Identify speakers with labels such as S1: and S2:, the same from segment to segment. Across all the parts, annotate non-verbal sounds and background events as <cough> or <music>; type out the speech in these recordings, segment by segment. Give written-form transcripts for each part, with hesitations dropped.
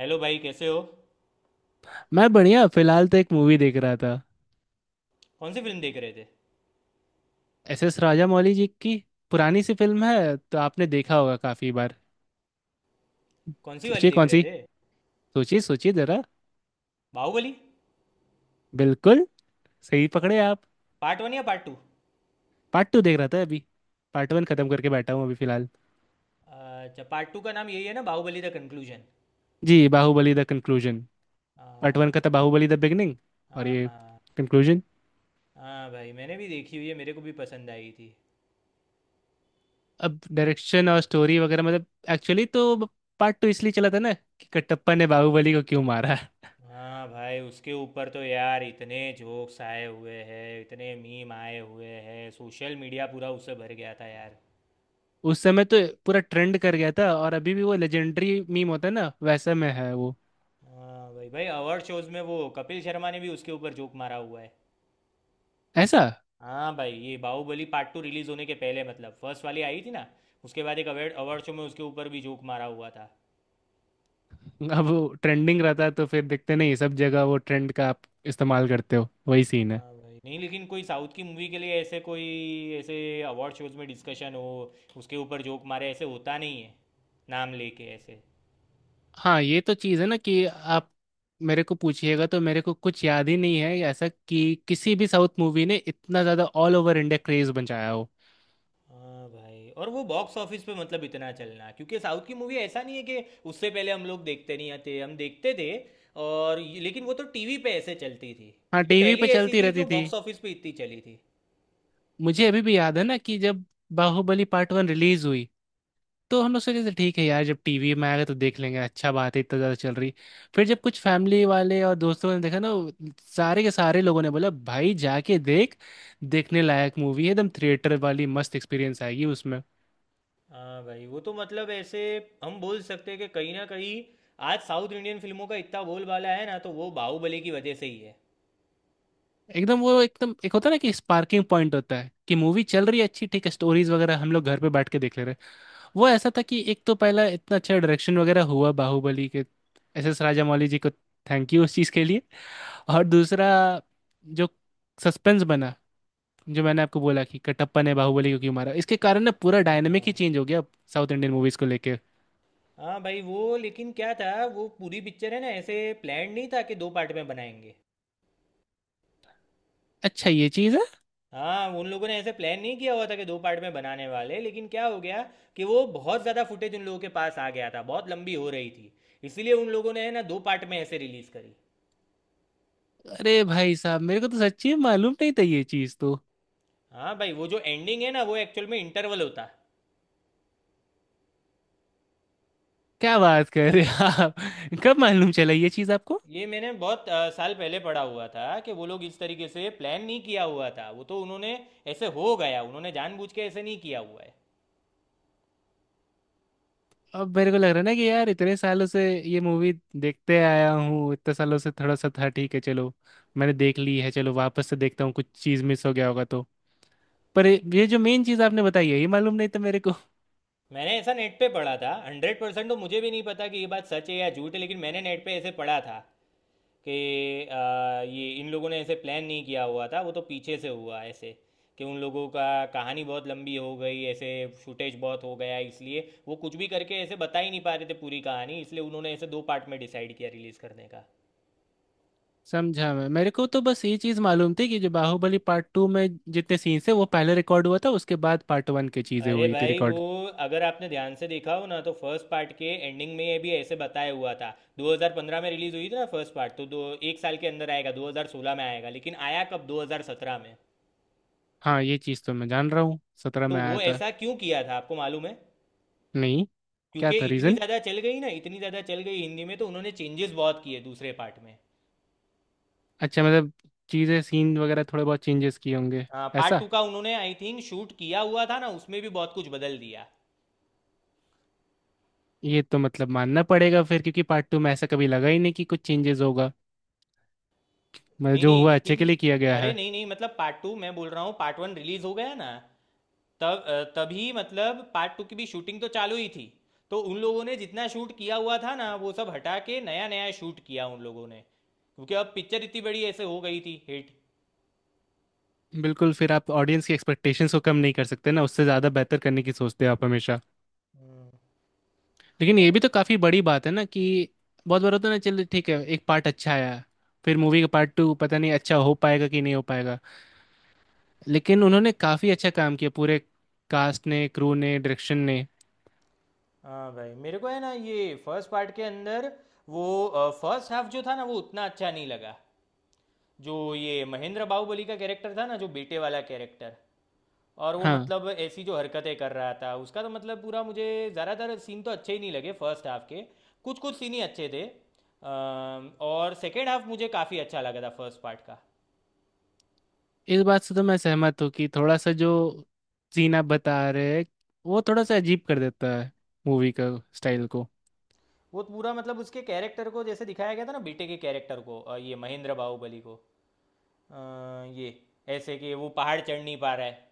S1: Hello भाई कैसे हो।
S2: मैं बढ़िया। फिलहाल तो एक मूवी देख रहा था।
S1: कौन सी फिल्म देख रहे थे?
S2: एस एस राजामौली जी की पुरानी सी फिल्म है, तो आपने देखा होगा काफी बार।
S1: कौन सी वाली
S2: सोचिए
S1: देख
S2: कौन
S1: रहे
S2: सी।
S1: थे?
S2: सोचिए सोचिए जरा।
S1: बाहुबली।
S2: बिल्कुल। सही पकड़े आप।
S1: पार्ट वन या पार्ट टू?
S2: पार्ट टू देख रहा था अभी। पार्ट वन खत्म करके बैठा हूँ अभी फिलहाल।
S1: अच्छा पार्ट टू का नाम यही है ना, बाहुबली द कंक्लूजन?
S2: जी, Baahubali the conclusion. Part one का
S1: हाँ।
S2: था बाहुबली द बिगनिंग। और
S1: हाँ।
S2: ये
S1: हाँ।
S2: कंक्लूजन।
S1: हाँ भाई मैंने भी देखी हुई है, मेरे को भी पसंद आई थी।
S2: अब डायरेक्शन और स्टोरी वगैरह, मतलब एक्चुअली तो पार्ट टू इसलिए चला था ना कि कटप्पा ने बाहुबली को क्यों मारा।
S1: हाँ भाई उसके ऊपर तो यार इतने जोक्स आए हुए हैं, इतने मीम आए हुए हैं, सोशल मीडिया पूरा उससे भर गया था यार।
S2: उस समय तो पूरा ट्रेंड कर गया था, और अभी भी वो लेजेंडरी मीम होता है ना, वैसा में है वो।
S1: हाँ भाई भाई अवार्ड शोज में वो कपिल शर्मा ने भी उसके ऊपर जोक मारा हुआ है।
S2: ऐसा?
S1: हाँ भाई ये बाहुबली पार्ट टू रिलीज होने के पहले मतलब फर्स्ट वाली आई थी ना। उसके बाद एक अवार्ड अवार्ड शो में उसके ऊपर भी जोक मारा हुआ था।
S2: अब वो ट्रेंडिंग रहता है तो फिर देखते नहीं, सब जगह वो ट्रेंड का आप इस्तेमाल करते हो, वही सीन है।
S1: हाँ भाई नहीं, लेकिन कोई साउथ की मूवी के लिए ऐसे कोई ऐसे अवार्ड शोज में डिस्कशन हो, उसके ऊपर जोक मारे ऐसे होता नहीं है, नाम लेके ऐसे।
S2: हाँ, ये तो चीज़ है ना कि आप मेरे को पूछिएगा तो मेरे को कुछ याद ही नहीं है ऐसा कि किसी भी साउथ मूवी ने इतना ज़्यादा ऑल ओवर इंडिया क्रेज बचाया हो।
S1: हाँ भाई और वो बॉक्स ऑफिस पे मतलब इतना चलना, क्योंकि साउथ की मूवी ऐसा नहीं है कि उससे पहले हम लोग देखते नहीं, आते हम देखते थे। लेकिन वो तो टीवी पे ऐसे चलती थी।
S2: हाँ,
S1: ये
S2: टीवी
S1: पहली
S2: पे
S1: ऐसी
S2: चलती
S1: थी
S2: रहती
S1: जो
S2: थी।
S1: बॉक्स ऑफिस पे इतनी चली थी।
S2: मुझे अभी भी याद है ना कि जब बाहुबली पार्ट वन रिलीज हुई, तो हमने सोचे थे ठीक है यार जब टीवी में आएगा तो देख लेंगे, अच्छा बात है इतना ज़्यादा चल रही। फिर जब कुछ फैमिली वाले और दोस्तों ने देखा ना वो, सारे के सारे लोगों ने बोला भाई जाके देख, देखने लायक मूवी है, एकदम थिएटर वाली मस्त एक्सपीरियंस आएगी उसमें।
S1: हाँ भाई वो तो मतलब ऐसे हम बोल सकते हैं कि कहीं ना कहीं आज साउथ इंडियन फिल्मों का इतना बोलबाला है ना, तो वो बाहुबली की वजह से ही है।
S2: एकदम वो, एकदम एक होता है ना कि स्पार्किंग पॉइंट होता है कि मूवी चल रही है अच्छी, ठीक है स्टोरीज वगैरह हम लोग घर पे बैठ के देख ले रहे हैं। वो ऐसा था कि एक तो पहला इतना अच्छा डायरेक्शन वगैरह हुआ बाहुबली के। एस एस राजामौली जी को थैंक यू उस चीज़ के लिए। और दूसरा, जो सस्पेंस बना, जो मैंने आपको बोला कि कटप्पा ने बाहुबली को क्यों मारा, इसके कारण ना पूरा डायनेमिक ही
S1: हाँ।
S2: चेंज हो गया साउथ इंडियन मूवीज को लेके।
S1: हाँ भाई वो लेकिन क्या था, वो पूरी पिक्चर है ना ऐसे प्लान नहीं था कि दो पार्ट में बनाएंगे।
S2: अच्छा ये चीज़ है।
S1: हाँ उन लोगों ने ऐसे प्लान नहीं किया हुआ था कि दो पार्ट में बनाने वाले, लेकिन क्या हो गया कि वो बहुत ज़्यादा फुटेज उन लोगों के पास आ गया था, बहुत लंबी हो रही थी, इसीलिए उन लोगों ने है ना दो पार्ट में ऐसे रिलीज़ करी।
S2: अरे भाई साहब मेरे को तो सच्ची में मालूम नहीं था ये चीज़ तो।
S1: हाँ भाई वो जो एंडिंग है ना वो एक्चुअल में इंटरवल होता है।
S2: क्या बात कर रहे हैं आप। कब मालूम चला ये चीज़ आपको।
S1: ये मैंने बहुत साल पहले पढ़ा हुआ था कि वो लोग इस तरीके से प्लान नहीं किया हुआ था, वो तो उन्होंने ऐसे हो गया, उन्होंने जानबूझ के ऐसे नहीं किया हुआ है।
S2: अब मेरे को लग रहा है ना कि यार इतने सालों से ये मूवी देखते आया हूँ, इतने सालों से थोड़ा सा था, ठीक है चलो मैंने देख ली है, चलो वापस से देखता हूँ कुछ चीज़ मिस हो गया होगा तो। पर ये जो मेन चीज़ आपने बताई है ये मालूम नहीं था मेरे को।
S1: मैंने ऐसा नेट पे पढ़ा था 100%, तो मुझे भी नहीं पता कि ये बात सच है या झूठ है, लेकिन मैंने नेट पे ऐसे पढ़ा था कि ये इन लोगों ने ऐसे प्लान नहीं किया हुआ था, वो तो पीछे से हुआ ऐसे कि उन लोगों का कहानी बहुत लंबी हो गई ऐसे, फुटेज बहुत हो गया, इसलिए वो कुछ भी करके ऐसे बता ही नहीं पा रहे थे पूरी कहानी, इसलिए उन्होंने ऐसे दो पार्ट में डिसाइड किया रिलीज़ करने का।
S2: <laughs> समझा मैं। मेरे को तो बस ये चीज़ मालूम थी कि जो बाहुबली पार्ट टू में जितने सीन्स थे वो पहले रिकॉर्ड हुआ था, उसके बाद पार्ट वन की चीज़ें
S1: अरे
S2: हुई थी
S1: भाई वो
S2: रिकॉर्ड।
S1: अगर आपने ध्यान से देखा हो ना, तो फर्स्ट पार्ट के एंडिंग में ये भी ऐसे बताया हुआ था। 2015 में रिलीज हुई थी ना फर्स्ट पार्ट, तो दो एक साल के अंदर आएगा, 2016 में आएगा लेकिन आया कब, 2017 में।
S2: हाँ ये चीज़ तो मैं जान रहा हूँ, सत्रह
S1: तो
S2: में आया
S1: वो
S2: था।
S1: ऐसा क्यों किया था आपको मालूम है?
S2: नहीं। क्या
S1: क्योंकि
S2: था
S1: इतनी
S2: रीज़न?
S1: ज़्यादा चल गई ना, इतनी ज़्यादा चल गई हिंदी में, तो उन्होंने चेंजेस बहुत किए दूसरे पार्ट में।
S2: अच्छा, मतलब चीज़ें सीन वगैरह थोड़े बहुत चेंजेस किए होंगे।
S1: हाँ पार्ट
S2: ऐसा?
S1: टू का उन्होंने आई थिंक शूट किया हुआ था ना, उसमें भी बहुत कुछ बदल दिया।
S2: ये तो मतलब मानना पड़ेगा फिर, क्योंकि पार्ट टू में ऐसा कभी लगा ही नहीं कि कुछ चेंजेस होगा। मतलब
S1: नहीं
S2: जो
S1: नहीं,
S2: हुआ अच्छे के
S1: लेकिन
S2: लिए किया गया
S1: अरे
S2: है।
S1: नहीं नहीं मतलब पार्ट टू मैं बोल रहा हूँ, पार्ट वन रिलीज हो गया ना तब तभी मतलब पार्ट टू की भी शूटिंग तो चालू ही थी। तो उन लोगों ने जितना शूट किया हुआ था ना वो सब हटा के नया नया शूट किया उन लोगों ने, क्योंकि अब पिक्चर इतनी बड़ी ऐसे हो गई थी हिट।
S2: बिल्कुल, फिर आप ऑडियंस की एक्सपेक्टेशंस को कम नहीं कर सकते ना, उससे ज़्यादा बेहतर करने की सोचते हो आप हमेशा।
S1: हम्म।
S2: लेकिन ये
S1: और।
S2: भी तो काफ़ी बड़ी बात है ना कि बहुत बार होता है ना, चलो ठीक है एक पार्ट अच्छा आया, फिर मूवी का पार्ट टू पता नहीं अच्छा हो पाएगा कि नहीं हो पाएगा। लेकिन उन्होंने काफ़ी अच्छा काम किया, पूरे कास्ट ने, क्रू ने, डायरेक्शन ने।
S1: हाँ भाई मेरे को है ना ये फर्स्ट पार्ट के अंदर वो फर्स्ट हाफ जो था ना वो उतना अच्छा नहीं लगा। जो ये महेंद्र बाहुबली का कैरेक्टर था ना, जो बेटे वाला कैरेक्टर, और वो
S2: हाँ,
S1: मतलब ऐसी जो हरकतें कर रहा था उसका तो मतलब पूरा, मुझे ज़्यादातर सीन तो अच्छे ही नहीं लगे फर्स्ट हाफ के। कुछ कुछ सीन ही अच्छे थे और सेकेंड हाफ मुझे काफ़ी अच्छा लगा था फर्स्ट पार्ट का।
S2: इस बात से तो मैं सहमत हूँ कि थोड़ा सा जो सीन आप बता रहे हैं वो थोड़ा सा अजीब कर देता है मूवी का स्टाइल को।
S1: वो पूरा मतलब उसके कैरेक्टर को जैसे दिखाया गया था ना बेटे के कैरेक्टर को ये महेंद्र बाहुबली को अ, ये ऐसे कि वो पहाड़ चढ़ नहीं पा रहा है,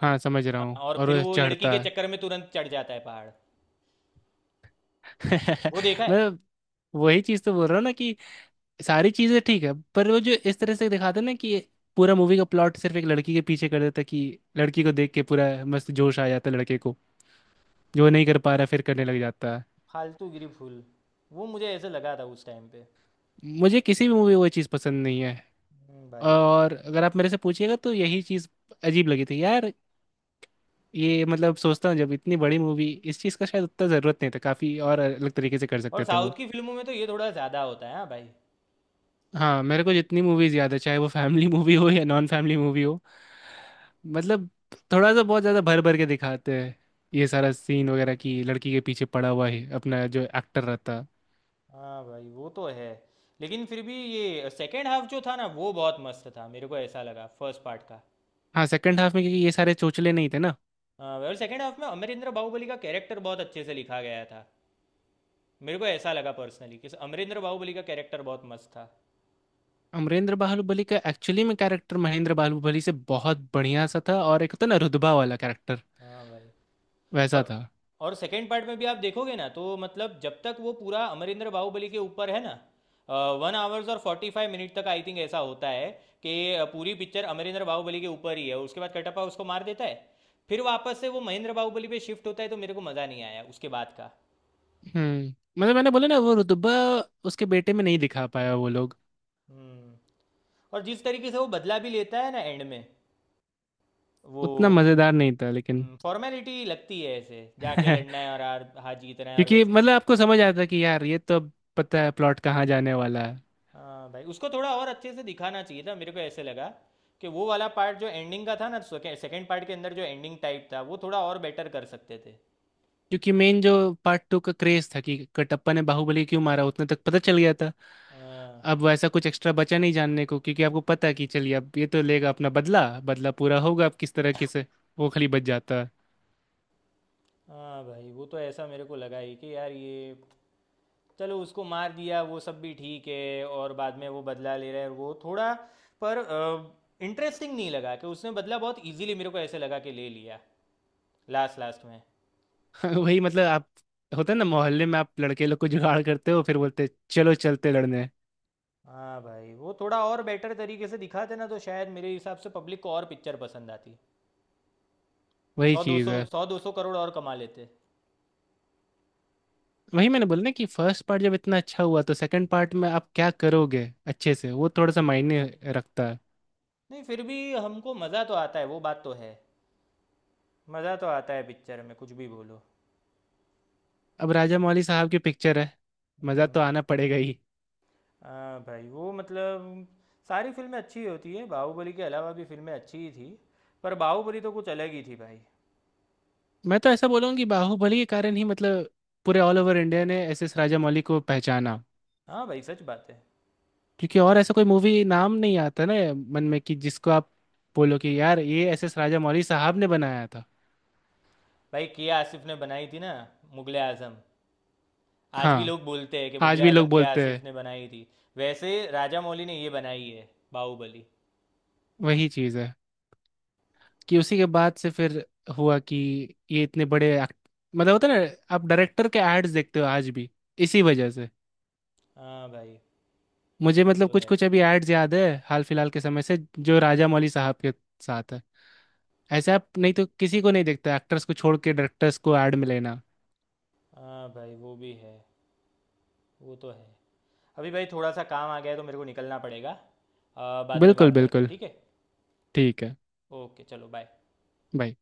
S2: हाँ समझ रहा हूँ,
S1: और
S2: और
S1: फिर
S2: वो
S1: वो लड़की
S2: चढ़ता
S1: के
S2: है।
S1: चक्कर में तुरंत चढ़ जाता है पहाड़।
S2: <laughs>
S1: वो देखा है
S2: मैं वही चीज़ तो बोल रहा हूँ ना कि सारी चीज़ें ठीक है, पर वो जो इस तरह से दिखाते हैं ना कि पूरा मूवी का प्लॉट सिर्फ एक लड़की के पीछे कर देता है, कि लड़की को देख के पूरा मस्त जोश आ जाता है लड़के को, जो नहीं कर पा रहा फिर करने लग जाता है।
S1: फालतूगिरी फूल, वो मुझे ऐसे लगा था उस टाइम पे।
S2: मुझे किसी भी मूवी में वो चीज़ पसंद नहीं है।
S1: भाई।
S2: और अगर आप मेरे से पूछिएगा तो यही चीज़ अजीब लगी थी यार। ये मतलब सोचता हूँ जब इतनी बड़ी मूवी, इस चीज़ का शायद उतना ज़रूरत नहीं था, काफ़ी और अलग तरीके से कर
S1: और
S2: सकते थे
S1: साउथ
S2: वो।
S1: की फिल्मों में तो ये थोड़ा ज़्यादा होता है। हाँ भाई।
S2: हाँ, मेरे को जितनी मूवीज़ याद है, चाहे वो फैमिली मूवी हो या नॉन फैमिली मूवी हो, मतलब थोड़ा सा बहुत ज़्यादा भर भर के दिखाते हैं ये सारा सीन वगैरह कि लड़की के पीछे पड़ा हुआ है अपना जो एक्टर रहता।
S1: हाँ भाई वो तो है लेकिन फिर भी ये सेकेंड हाफ जो था ना वो बहुत मस्त था, मेरे को ऐसा लगा फर्स्ट पार्ट का।
S2: हाँ, सेकंड हाफ में क्योंकि ये सारे चोचले नहीं थे ना।
S1: हाँ भाई, और सेकेंड हाफ में अमरेंद्र बाहुबली का कैरेक्टर बहुत अच्छे से लिखा गया था। मेरे को ऐसा लगा पर्सनली कि अमरेंद्र बाहुबली का कैरेक्टर बहुत मस्त था।
S2: अमरेंद्र बाहुबली का एक्चुअली में कैरेक्टर महेंद्र बाहुबली से बहुत बढ़िया सा था, और एक होता ना रुतबा वाला कैरेक्टर,
S1: हाँ भाई
S2: वैसा
S1: और
S2: था।
S1: और सेकेंड पार्ट में भी आप देखोगे ना तो मतलब जब तक वो पूरा अमरिंदर बाहुबली के ऊपर है ना, 1 आवर्स और 45 मिनट तक आई थिंक ऐसा होता है कि पूरी पिक्चर अमरिंदर बाहुबली के ऊपर ही है, उसके बाद कटप्पा उसको मार देता है। फिर वापस से वो महेंद्र बाहुबली पे शिफ्ट होता है, तो मेरे को मज़ा नहीं आया उसके बाद का।
S2: हम्म, मतलब मैंने बोला ना वो रुतबा उसके बेटे में नहीं दिखा पाया वो लोग।
S1: हम्म। और जिस तरीके से वो बदला भी लेता है ना एंड में, वो
S2: उतना मजेदार नहीं था लेकिन।
S1: फॉर्मेलिटी लगती है, ऐसे जाके
S2: <laughs>
S1: लड़ना है और हार हार जीतना है और
S2: क्योंकि
S1: वैसे।
S2: मतलब आपको समझ आता कि यार ये तो अब, पता है प्लॉट कहाँ जाने वाला है।
S1: हाँ भाई उसको थोड़ा और अच्छे से दिखाना चाहिए था, मेरे को ऐसे लगा कि वो वाला पार्ट जो एंडिंग का था ना सेकेंड पार्ट के अंदर, जो एंडिंग टाइप था वो थोड़ा और बेटर कर सकते थे।
S2: क्योंकि मेन जो पार्ट टू का क्रेज था कि कटप्पा ने बाहुबली क्यों मारा, उतने तक पता चल गया था।
S1: हाँ।
S2: अब वैसा कुछ एक्स्ट्रा बचा नहीं जानने को, क्योंकि आपको पता है कि चलिए अब ये तो लेगा अपना बदला, बदला पूरा होगा अब किस तरीके से, वो खाली बच जाता है।
S1: हाँ भाई वो तो ऐसा मेरे को लगा ही कि यार ये चलो उसको मार दिया वो सब भी ठीक है, और बाद में वो बदला ले रहा है वो थोड़ा, पर इंटरेस्टिंग नहीं लगा, कि उसने बदला बहुत इजीली मेरे को ऐसे लगा कि ले लिया लास्ट लास्ट में।
S2: <laughs> वही मतलब आप, होता है ना मोहल्ले में आप लड़के लोग को जुगाड़ करते हो फिर बोलते चलो चलते लड़ने।
S1: हाँ भाई वो थोड़ा और बेटर तरीके से दिखाते ना तो शायद मेरे हिसाब से पब्लिक को और पिक्चर पसंद आती।
S2: वही
S1: सौ दो
S2: चीज।
S1: सौ सौ दो सौ करोड़ और कमा लेते।
S2: वही मैंने बोला ना कि फर्स्ट पार्ट जब इतना अच्छा हुआ तो सेकंड पार्ट में आप क्या करोगे अच्छे से, वो थोड़ा सा मायने रखता है।
S1: नहीं फिर भी हमको मज़ा तो आता है, वो बात तो है। मज़ा तो आता है पिक्चर में कुछ भी बोलो।
S2: अब राजा मौली साहब की पिक्चर है, मज़ा
S1: हम्म।
S2: तो आना पड़ेगा ही।
S1: हाँ भाई वो मतलब सारी फिल्में अच्छी होती है, बाहुबली के अलावा भी फिल्में अच्छी ही थी, पर बाहुबली तो कुछ अलग ही थी भाई।
S2: मैं तो ऐसा बोलूँ कि बाहुबली के कारण ही मतलब पूरे ऑल ओवर इंडिया ने एस एस राजा मौली को पहचाना।
S1: हाँ भाई सच बात है।
S2: क्योंकि और ऐसा कोई मूवी नाम नहीं आता ना मन में कि जिसको आप बोलो कि यार ये एस एस राजा मौली साहब ने बनाया था।
S1: भाई के आसिफ ने बनाई थी ना मुगल आजम। आज भी
S2: हाँ,
S1: लोग बोलते हैं कि
S2: आज
S1: मुगल
S2: भी
S1: आजम
S2: लोग
S1: के
S2: बोलते
S1: आसिफ
S2: हैं।
S1: ने बनाई थी। वैसे राजा मौली ने ये बनाई है बाहुबली।
S2: वही चीज़ है कि उसी के बाद से फिर हुआ कि ये इतने बड़े मतलब होता है ना आप डायरेक्टर के एड्स देखते हो आज भी, इसी वजह से।
S1: हाँ भाई
S2: मुझे
S1: वो
S2: मतलब
S1: तो
S2: कुछ
S1: है।
S2: कुछ अभी एड्स याद है हाल फिलहाल के समय से जो राजा मौली साहब के साथ है। ऐसे आप नहीं तो किसी को नहीं देखते एक्टर्स को छोड़ के डायरेक्टर्स को ऐड में लेना।
S1: हाँ भाई वो भी है। वो तो है। अभी भाई थोड़ा सा काम आ गया है तो मेरे को निकलना पड़ेगा। बाद में
S2: बिल्कुल
S1: बात करते हैं
S2: बिल्कुल।
S1: ठीक है।
S2: ठीक है।
S1: ओके चलो बाय।
S2: बाय।